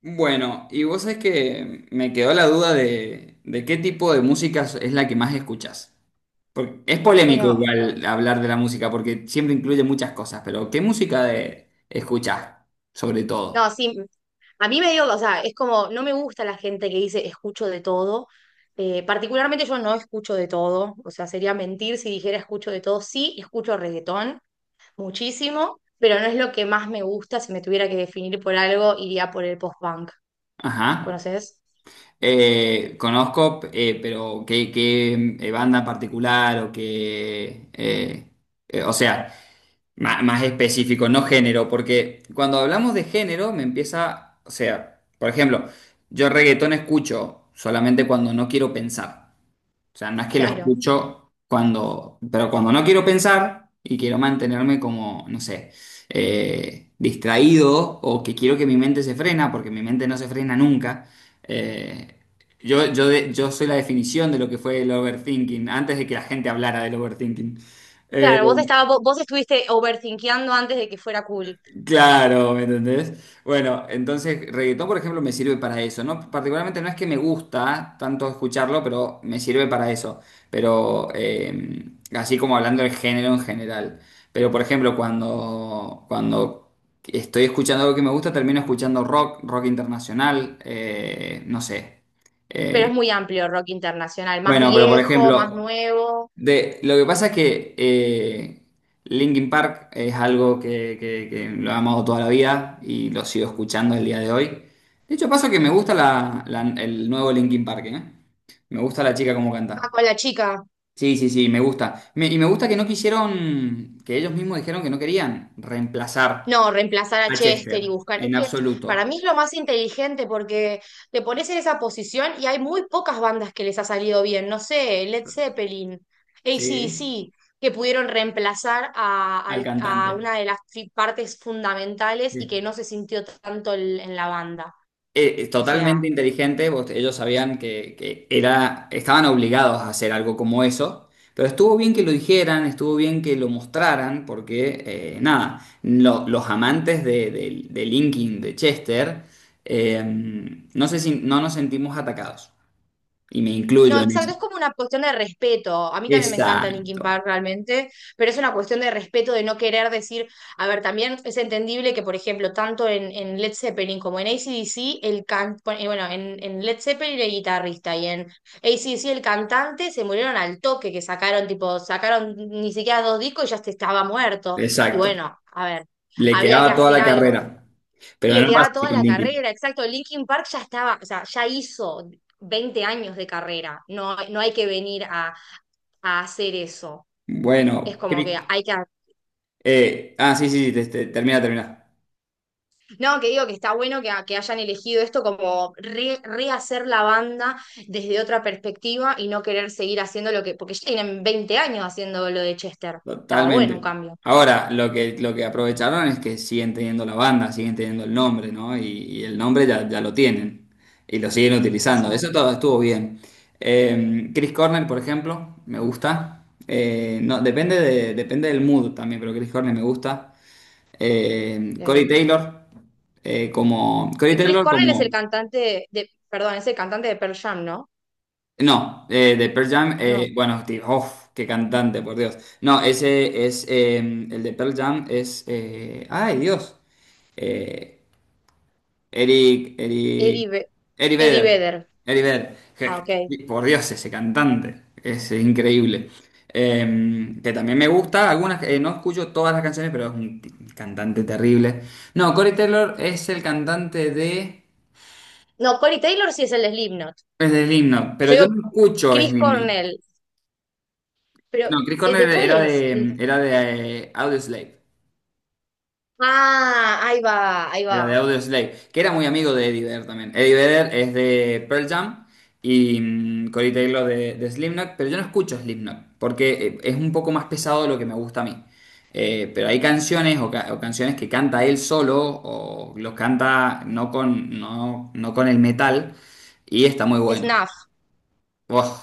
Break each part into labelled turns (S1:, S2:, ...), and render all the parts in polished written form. S1: Bueno, y vos sabés que me quedó la duda de qué tipo de música es la que más escuchás. Porque es polémico
S2: Bueno,
S1: igual hablar de la música, porque siempre incluye muchas cosas, pero ¿qué música de, escuchás, sobre
S2: no,
S1: todo?
S2: sí, a mí me dio, o sea, es como, no me gusta la gente que dice escucho de todo. Particularmente yo no escucho de todo, o sea, sería mentir si dijera escucho de todo. Sí, escucho reggaetón muchísimo, pero no es lo que más me gusta. Si me tuviera que definir por algo, iría por el post-punk.
S1: Ajá.
S2: ¿Conoces?
S1: Conozco, pero ¿qué, qué banda en particular o qué... o sea, Más específico, no género, porque cuando hablamos de género me empieza, o sea, por ejemplo, yo reggaetón escucho solamente cuando no quiero pensar. O sea, no es que lo
S2: Claro.
S1: escucho cuando, pero cuando no quiero pensar y quiero mantenerme como, no sé, distraído o que quiero que mi mente se frena, porque mi mente no se frena nunca. eh, yo soy la definición de lo que fue el overthinking, antes de que la gente hablara del overthinking. Eh,
S2: Claro, vos estuviste overthinkeando antes de que fuera cool,
S1: Claro, ¿me entendés? Bueno, entonces reggaetón, por ejemplo, me sirve para eso, ¿no? Particularmente no es que me gusta tanto escucharlo, pero me sirve para eso. Pero así como hablando del género en general. Pero por ejemplo, cuando estoy escuchando algo que me gusta, termino escuchando rock, rock internacional, no sé.
S2: pero
S1: Eh,
S2: es muy amplio rock internacional, más
S1: bueno, pero por
S2: viejo, más
S1: ejemplo,
S2: nuevo.
S1: de, lo que pasa es que Linkin Park es algo que lo he amado toda la vida y lo sigo escuchando el día de hoy. De hecho, pasa que me
S2: Ujú.
S1: gusta el nuevo Linkin Park, ¿eh? Me gusta la chica como
S2: Ah,
S1: canta.
S2: con la chica.
S1: Sí, sí, sí, me gusta. Y me gusta que no quisieron, que ellos mismos dijeron que no querían reemplazar
S2: No, reemplazar a
S1: a
S2: Chester y
S1: Chester
S2: buscar. Es
S1: en
S2: que para
S1: absoluto,
S2: mí es lo más inteligente porque te pones en esa posición y hay muy pocas bandas que les ha salido bien. No sé, Led Zeppelin,
S1: ¿sí?
S2: AC/DC, que pudieron reemplazar
S1: Al
S2: a
S1: cantante.
S2: una de las partes fundamentales y
S1: Sí.
S2: que no se sintió tanto en la banda. O
S1: Totalmente
S2: sea.
S1: inteligente, ellos sabían que era, estaban obligados a hacer algo como eso, pero estuvo bien que lo dijeran, estuvo bien que lo mostraran, porque nada, los amantes de Linkin, de Chester, no sé si no nos sentimos atacados, y me
S2: No,
S1: incluyo en
S2: exacto,
S1: eso.
S2: es como una cuestión de respeto. A mí también me encanta Linkin
S1: Exacto,
S2: Park realmente, pero es una cuestión de respeto, de no querer decir, a ver, también es entendible que, por ejemplo, tanto en Led Zeppelin como en AC/DC, el can... bueno, en Led Zeppelin el guitarrista y en AC/DC el cantante se murieron al toque, que sacaron, tipo, sacaron ni siquiera dos discos y ya se estaba muerto. Y
S1: exacto,
S2: bueno, a ver,
S1: le
S2: había que
S1: quedaba toda
S2: hacer
S1: la
S2: algo.
S1: carrera, pero
S2: Le
S1: no pasa
S2: quedaba
S1: así
S2: toda
S1: con
S2: la
S1: Linkin.
S2: carrera, exacto. Linkin Park ya estaba, o sea, ya hizo 20 años de carrera. No, no hay que venir a hacer eso. Es
S1: Bueno,
S2: como que hay que.
S1: Sí, sí, sí, termina, termina.
S2: No, que digo que está bueno que hayan elegido esto como rehacer la banda desde otra perspectiva y no querer seguir haciendo lo que. Porque ya tienen 20 años haciendo lo de Chester. Estaba bueno un
S1: Totalmente.
S2: cambio.
S1: Ahora, lo que aprovecharon es que siguen teniendo la banda, siguen teniendo el nombre, ¿no? Y el nombre ya, ya lo tienen y lo siguen utilizando. Eso
S2: Exacto.
S1: todo estuvo bien. Chris Cornell, por ejemplo, me gusta. No, depende de, depende del mood también, pero Chris Cornell me gusta. Corey
S2: Ok.
S1: Taylor, como, Corey
S2: Chris
S1: Taylor
S2: Cornell es
S1: como,
S2: el cantante de. Perdón, es el cantante de Pearl Jam, ¿no?
S1: No, de Pearl Jam,
S2: No.
S1: bueno, tío, uf, qué cantante, por Dios. No, ese es, el de Pearl Jam es, ay, Dios, eh, Eric, Eric,
S2: Eddie, Ve-
S1: Eric
S2: Eddie
S1: Vedder,
S2: Vedder.
S1: Eric Vedder,
S2: Ah, ok.
S1: Por Dios, ese cantante, es increíble. Que también me gusta, algunas, no escucho todas las canciones, pero es un cantante terrible. No, Corey Taylor es el cantante de,
S2: No, Corey Taylor sí es el de Slipknot.
S1: es de Slipknot,
S2: Yo
S1: pero yo
S2: digo
S1: no escucho
S2: Chris
S1: Slipknot.
S2: Cornell. Pero,
S1: No, Chris
S2: ¿de
S1: Cornell
S2: cuál es? Chris?
S1: era de Audioslave.
S2: Ah, ahí va, ahí
S1: Era de
S2: va.
S1: Audioslave, que era muy amigo de Eddie Vedder también. Eddie Vedder es de Pearl Jam y Corey Taylor de Slipknot, pero yo no escucho Slipknot porque es un poco más pesado de lo que me gusta a mí. Pero hay canciones o canciones que canta él solo o los canta no con, no, no con el metal y está muy bueno.
S2: Snuff.
S1: Uf,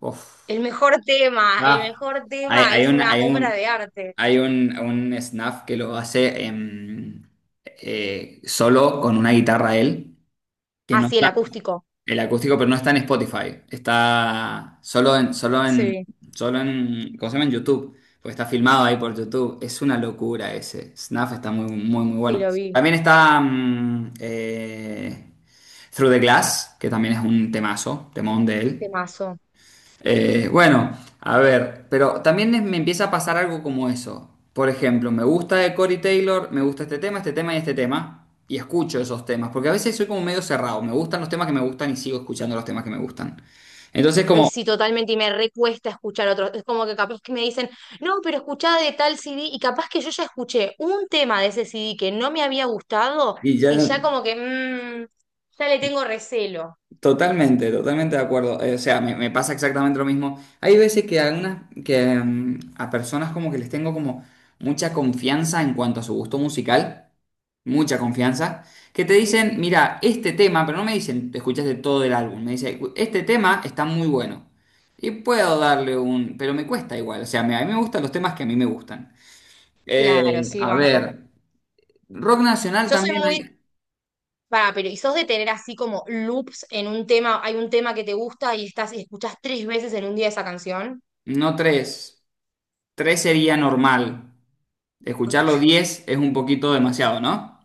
S1: uf.
S2: El
S1: Ah,
S2: mejor
S1: hay,
S2: tema
S1: hay
S2: es
S1: un,
S2: una
S1: hay
S2: obra
S1: un,
S2: de arte.
S1: Un snap que lo hace solo con una guitarra él, que
S2: Ah,
S1: no
S2: sí, el
S1: está,
S2: acústico.
S1: el acústico, pero no está en Spotify, está
S2: Sí,
S1: solo en, ¿cómo se llama? En YouTube, porque está filmado ahí por YouTube. Es una locura ese. Snap está muy, muy, muy
S2: sí
S1: bueno.
S2: lo vi.
S1: También está Through the Glass, que también es un temazo, temón de él.
S2: Temazo.
S1: Bueno, a ver, pero también me empieza a pasar algo como eso. Por ejemplo, me gusta de Corey Taylor, me gusta este tema, y escucho esos temas, porque a veces soy como medio cerrado, me gustan los temas que me gustan y sigo escuchando los temas que me gustan. Entonces
S2: Ay,
S1: como,
S2: sí, totalmente, y me recuesta escuchar otros. Es como que capaz que me dicen, no, pero escuchá de tal CD, y capaz que yo ya escuché un tema de ese CD que no me había gustado,
S1: y ya
S2: y ya
S1: no,
S2: como que, mmm, ya le tengo recelo.
S1: totalmente, totalmente de acuerdo. O sea, me pasa exactamente lo mismo. Hay veces que, a, a personas como que les tengo como mucha confianza en cuanto a su gusto musical. Mucha confianza, que te dicen, mira, este tema, pero no me dicen, te escuchaste todo el álbum, me dicen, este tema está muy bueno. Y puedo darle un, pero me cuesta igual, o sea, a mí me gustan los temas que a mí me gustan.
S2: Claro, sí,
S1: A
S2: banco.
S1: ver, rock nacional
S2: Yo soy
S1: también
S2: muy,
S1: hay,
S2: para, pero ¿y sos de tener así como loops en un tema, hay un tema que te gusta y estás y escuchás 3 veces en un día esa canción?
S1: no tres, tres sería normal, escucharlo 10 es un poquito demasiado, ¿no?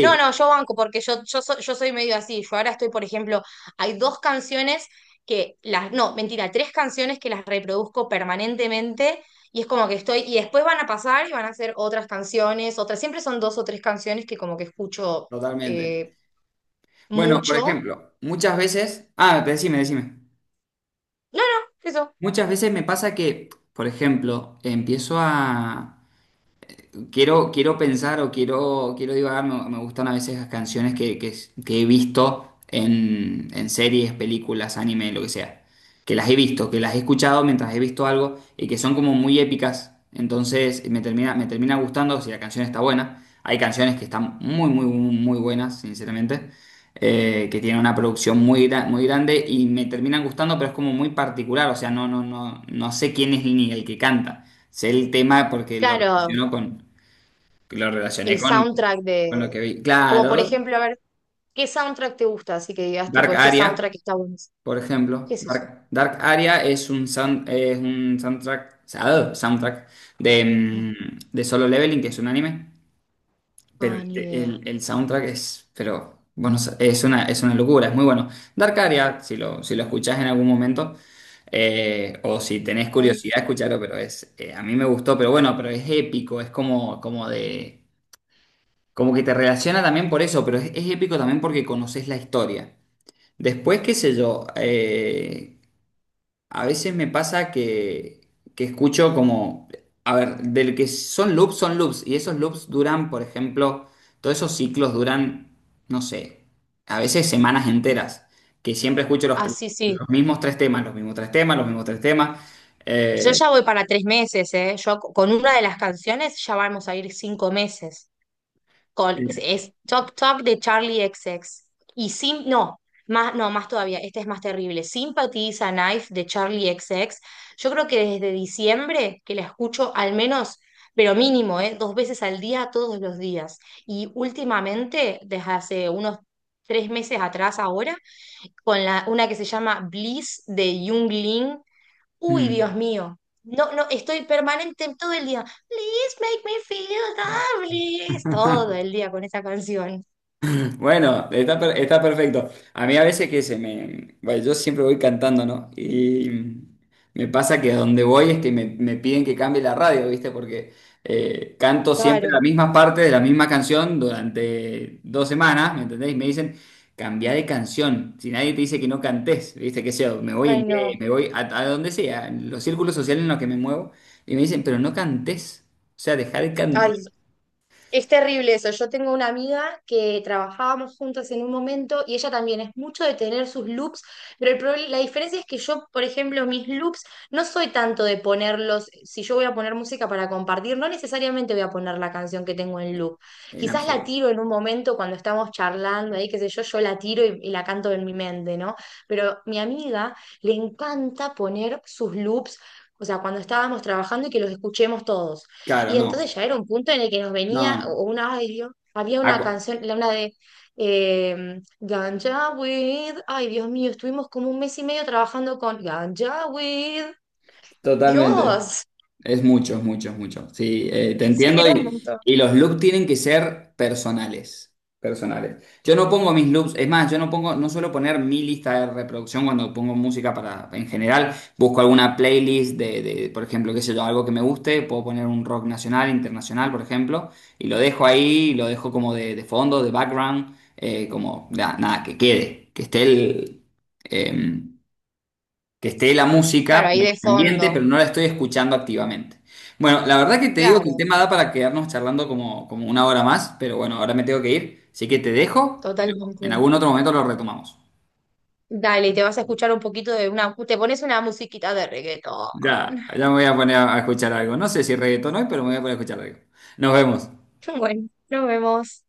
S2: No, no, yo banco porque yo soy medio así. Yo ahora estoy, por ejemplo, hay dos canciones que las, no, mentira, tres canciones que las reproduzco permanentemente y es como que estoy, y después van a pasar y van a ser otras canciones, otras, siempre son dos o tres canciones que como que escucho
S1: totalmente.
S2: eh,
S1: Bueno, por
S2: mucho.
S1: ejemplo, muchas veces, ah, decime, decime.
S2: No, no, eso.
S1: Muchas veces me pasa que, por ejemplo, quiero, quiero pensar o quiero, quiero divagar, me gustan a veces las canciones que he visto en series, películas, anime, lo que sea. Que las he visto, que las he escuchado mientras he visto algo y que son como muy épicas. Entonces me termina gustando si la canción está buena. Hay canciones que están muy, muy, muy, muy buenas, sinceramente. Que tienen una producción muy, muy grande y me terminan gustando, pero es como muy particular. O sea, no sé quién es ni el que canta, sé el tema porque lo
S2: Claro,
S1: relaciono con, lo relacioné
S2: el soundtrack
S1: con
S2: de,
S1: lo que vi.
S2: como por
S1: Claro,
S2: ejemplo, a ver, ¿qué soundtrack te gusta? Así que digas, tipo,
S1: Dark
S2: este soundtrack
S1: Aria,
S2: está bueno.
S1: por
S2: ¿Qué
S1: ejemplo.
S2: es eso?
S1: Dark Aria es un, es un soundtrack, ah, soundtrack de, de Solo Leveling, que es un anime. Pero
S2: Ah, ni idea.
S1: el soundtrack es, pero, bueno, es una locura, es muy bueno. Dark Aria, si lo, si lo escuchás en algún momento, o si tenés
S2: Ok.
S1: curiosidad, escucharlo, pero es, a mí me gustó, pero bueno, pero es épico, es como, como de... Como que te relaciona también por eso, pero es épico también porque conoces la historia. Después, qué sé yo, a veces me pasa que escucho como, a ver, del que son loops, y esos loops duran, por ejemplo, todos esos ciclos duran, no sé, a veces semanas enteras, que siempre escucho
S2: Ah, sí, sí.
S1: los mismos 3 temas, los mismos tres temas, los mismos tres temas.
S2: Yo
S1: eh,
S2: ya voy para 3 meses, ¿eh? Yo con una de las canciones ya vamos a ir 5 meses. Con, es Talk Talk de Charlie XX. Y Sim, no, más, no, más todavía, este es más terrible. Sympathy is a Knife de Charlie XX. Yo creo que desde diciembre que la escucho al menos, pero mínimo, ¿eh? 2 veces al día, todos los días. Y últimamente, desde hace unos 3 meses atrás ahora, con la, una que se llama Bliss de Jung Lin, uy,
S1: Mm.
S2: Dios mío. No, no, estoy permanente todo el día. Please make me feel lovely. Todo el día con esa canción.
S1: Bueno, está, está perfecto. A mí a veces que se me... Bueno, yo siempre voy cantando, ¿no? Y me pasa que a donde voy es que me piden que cambie la radio, ¿viste? Porque canto siempre
S2: Claro.
S1: la misma parte de la misma canción durante 2 semanas, ¿me entendés? Y me dicen, cambia de canción. Si nadie te dice que no cantes, ¿viste? Que sea, me voy a
S2: Ay,
S1: inglés,
S2: no.
S1: me voy a donde sea, en los círculos sociales en los que me muevo. Y me dicen, pero no cantes. O sea, deja de
S2: Ay,
S1: cantar
S2: es terrible eso. Yo tengo una amiga que trabajábamos juntas en un momento y ella también es mucho de tener sus loops, pero la diferencia es que yo, por ejemplo, mis loops no soy tanto de ponerlos, si yo voy a poner música para compartir, no necesariamente voy a poner la canción que tengo en loop.
S1: en
S2: Quizás la
S1: absoluto.
S2: tiro en un momento cuando estamos charlando, ahí qué sé yo, yo la tiro y la canto en mi mente, ¿no? Pero mi amiga le encanta poner sus loops, o sea, cuando estábamos trabajando y que los escuchemos todos.
S1: Claro,
S2: Y
S1: no.
S2: entonces ya era un punto en el que nos
S1: No,
S2: venía
S1: no.
S2: una, ay Dios, había
S1: A,
S2: una
S1: cu-,
S2: canción, la una de Ganja with, ay Dios mío, estuvimos como un mes y medio trabajando con Ganja with,
S1: totalmente.
S2: Dios.
S1: Es mucho, es mucho, es mucho. Sí, te entiendo y los loops tienen que ser personales, personales. Yo no pongo mis loops, es más, yo no pongo, no suelo poner mi lista de reproducción cuando pongo música para, en general, busco alguna playlist por ejemplo, qué sé yo, algo que me guste, puedo poner un rock nacional, internacional, por ejemplo, y lo dejo ahí, y lo dejo como de fondo, de background, como, nada, que quede, que esté el, em, que esté la música,
S2: Claro, ahí
S1: pero
S2: de
S1: en el ambiente,
S2: fondo,
S1: pero no la estoy escuchando activamente. Bueno, la verdad que te digo que el
S2: claro,
S1: tema da para quedarnos charlando como, como 1 hora más, pero bueno, ahora me tengo que ir, así que te dejo, pero en
S2: totalmente.
S1: algún otro momento lo retomamos.
S2: Dale, y te vas a escuchar un poquito de una, te pones una musiquita de reggaetón.
S1: Ya, ya me voy a poner a escuchar algo. No sé si reggaetón hoy, pero me voy a poner a escuchar algo. Nos vemos.
S2: Bueno, nos vemos.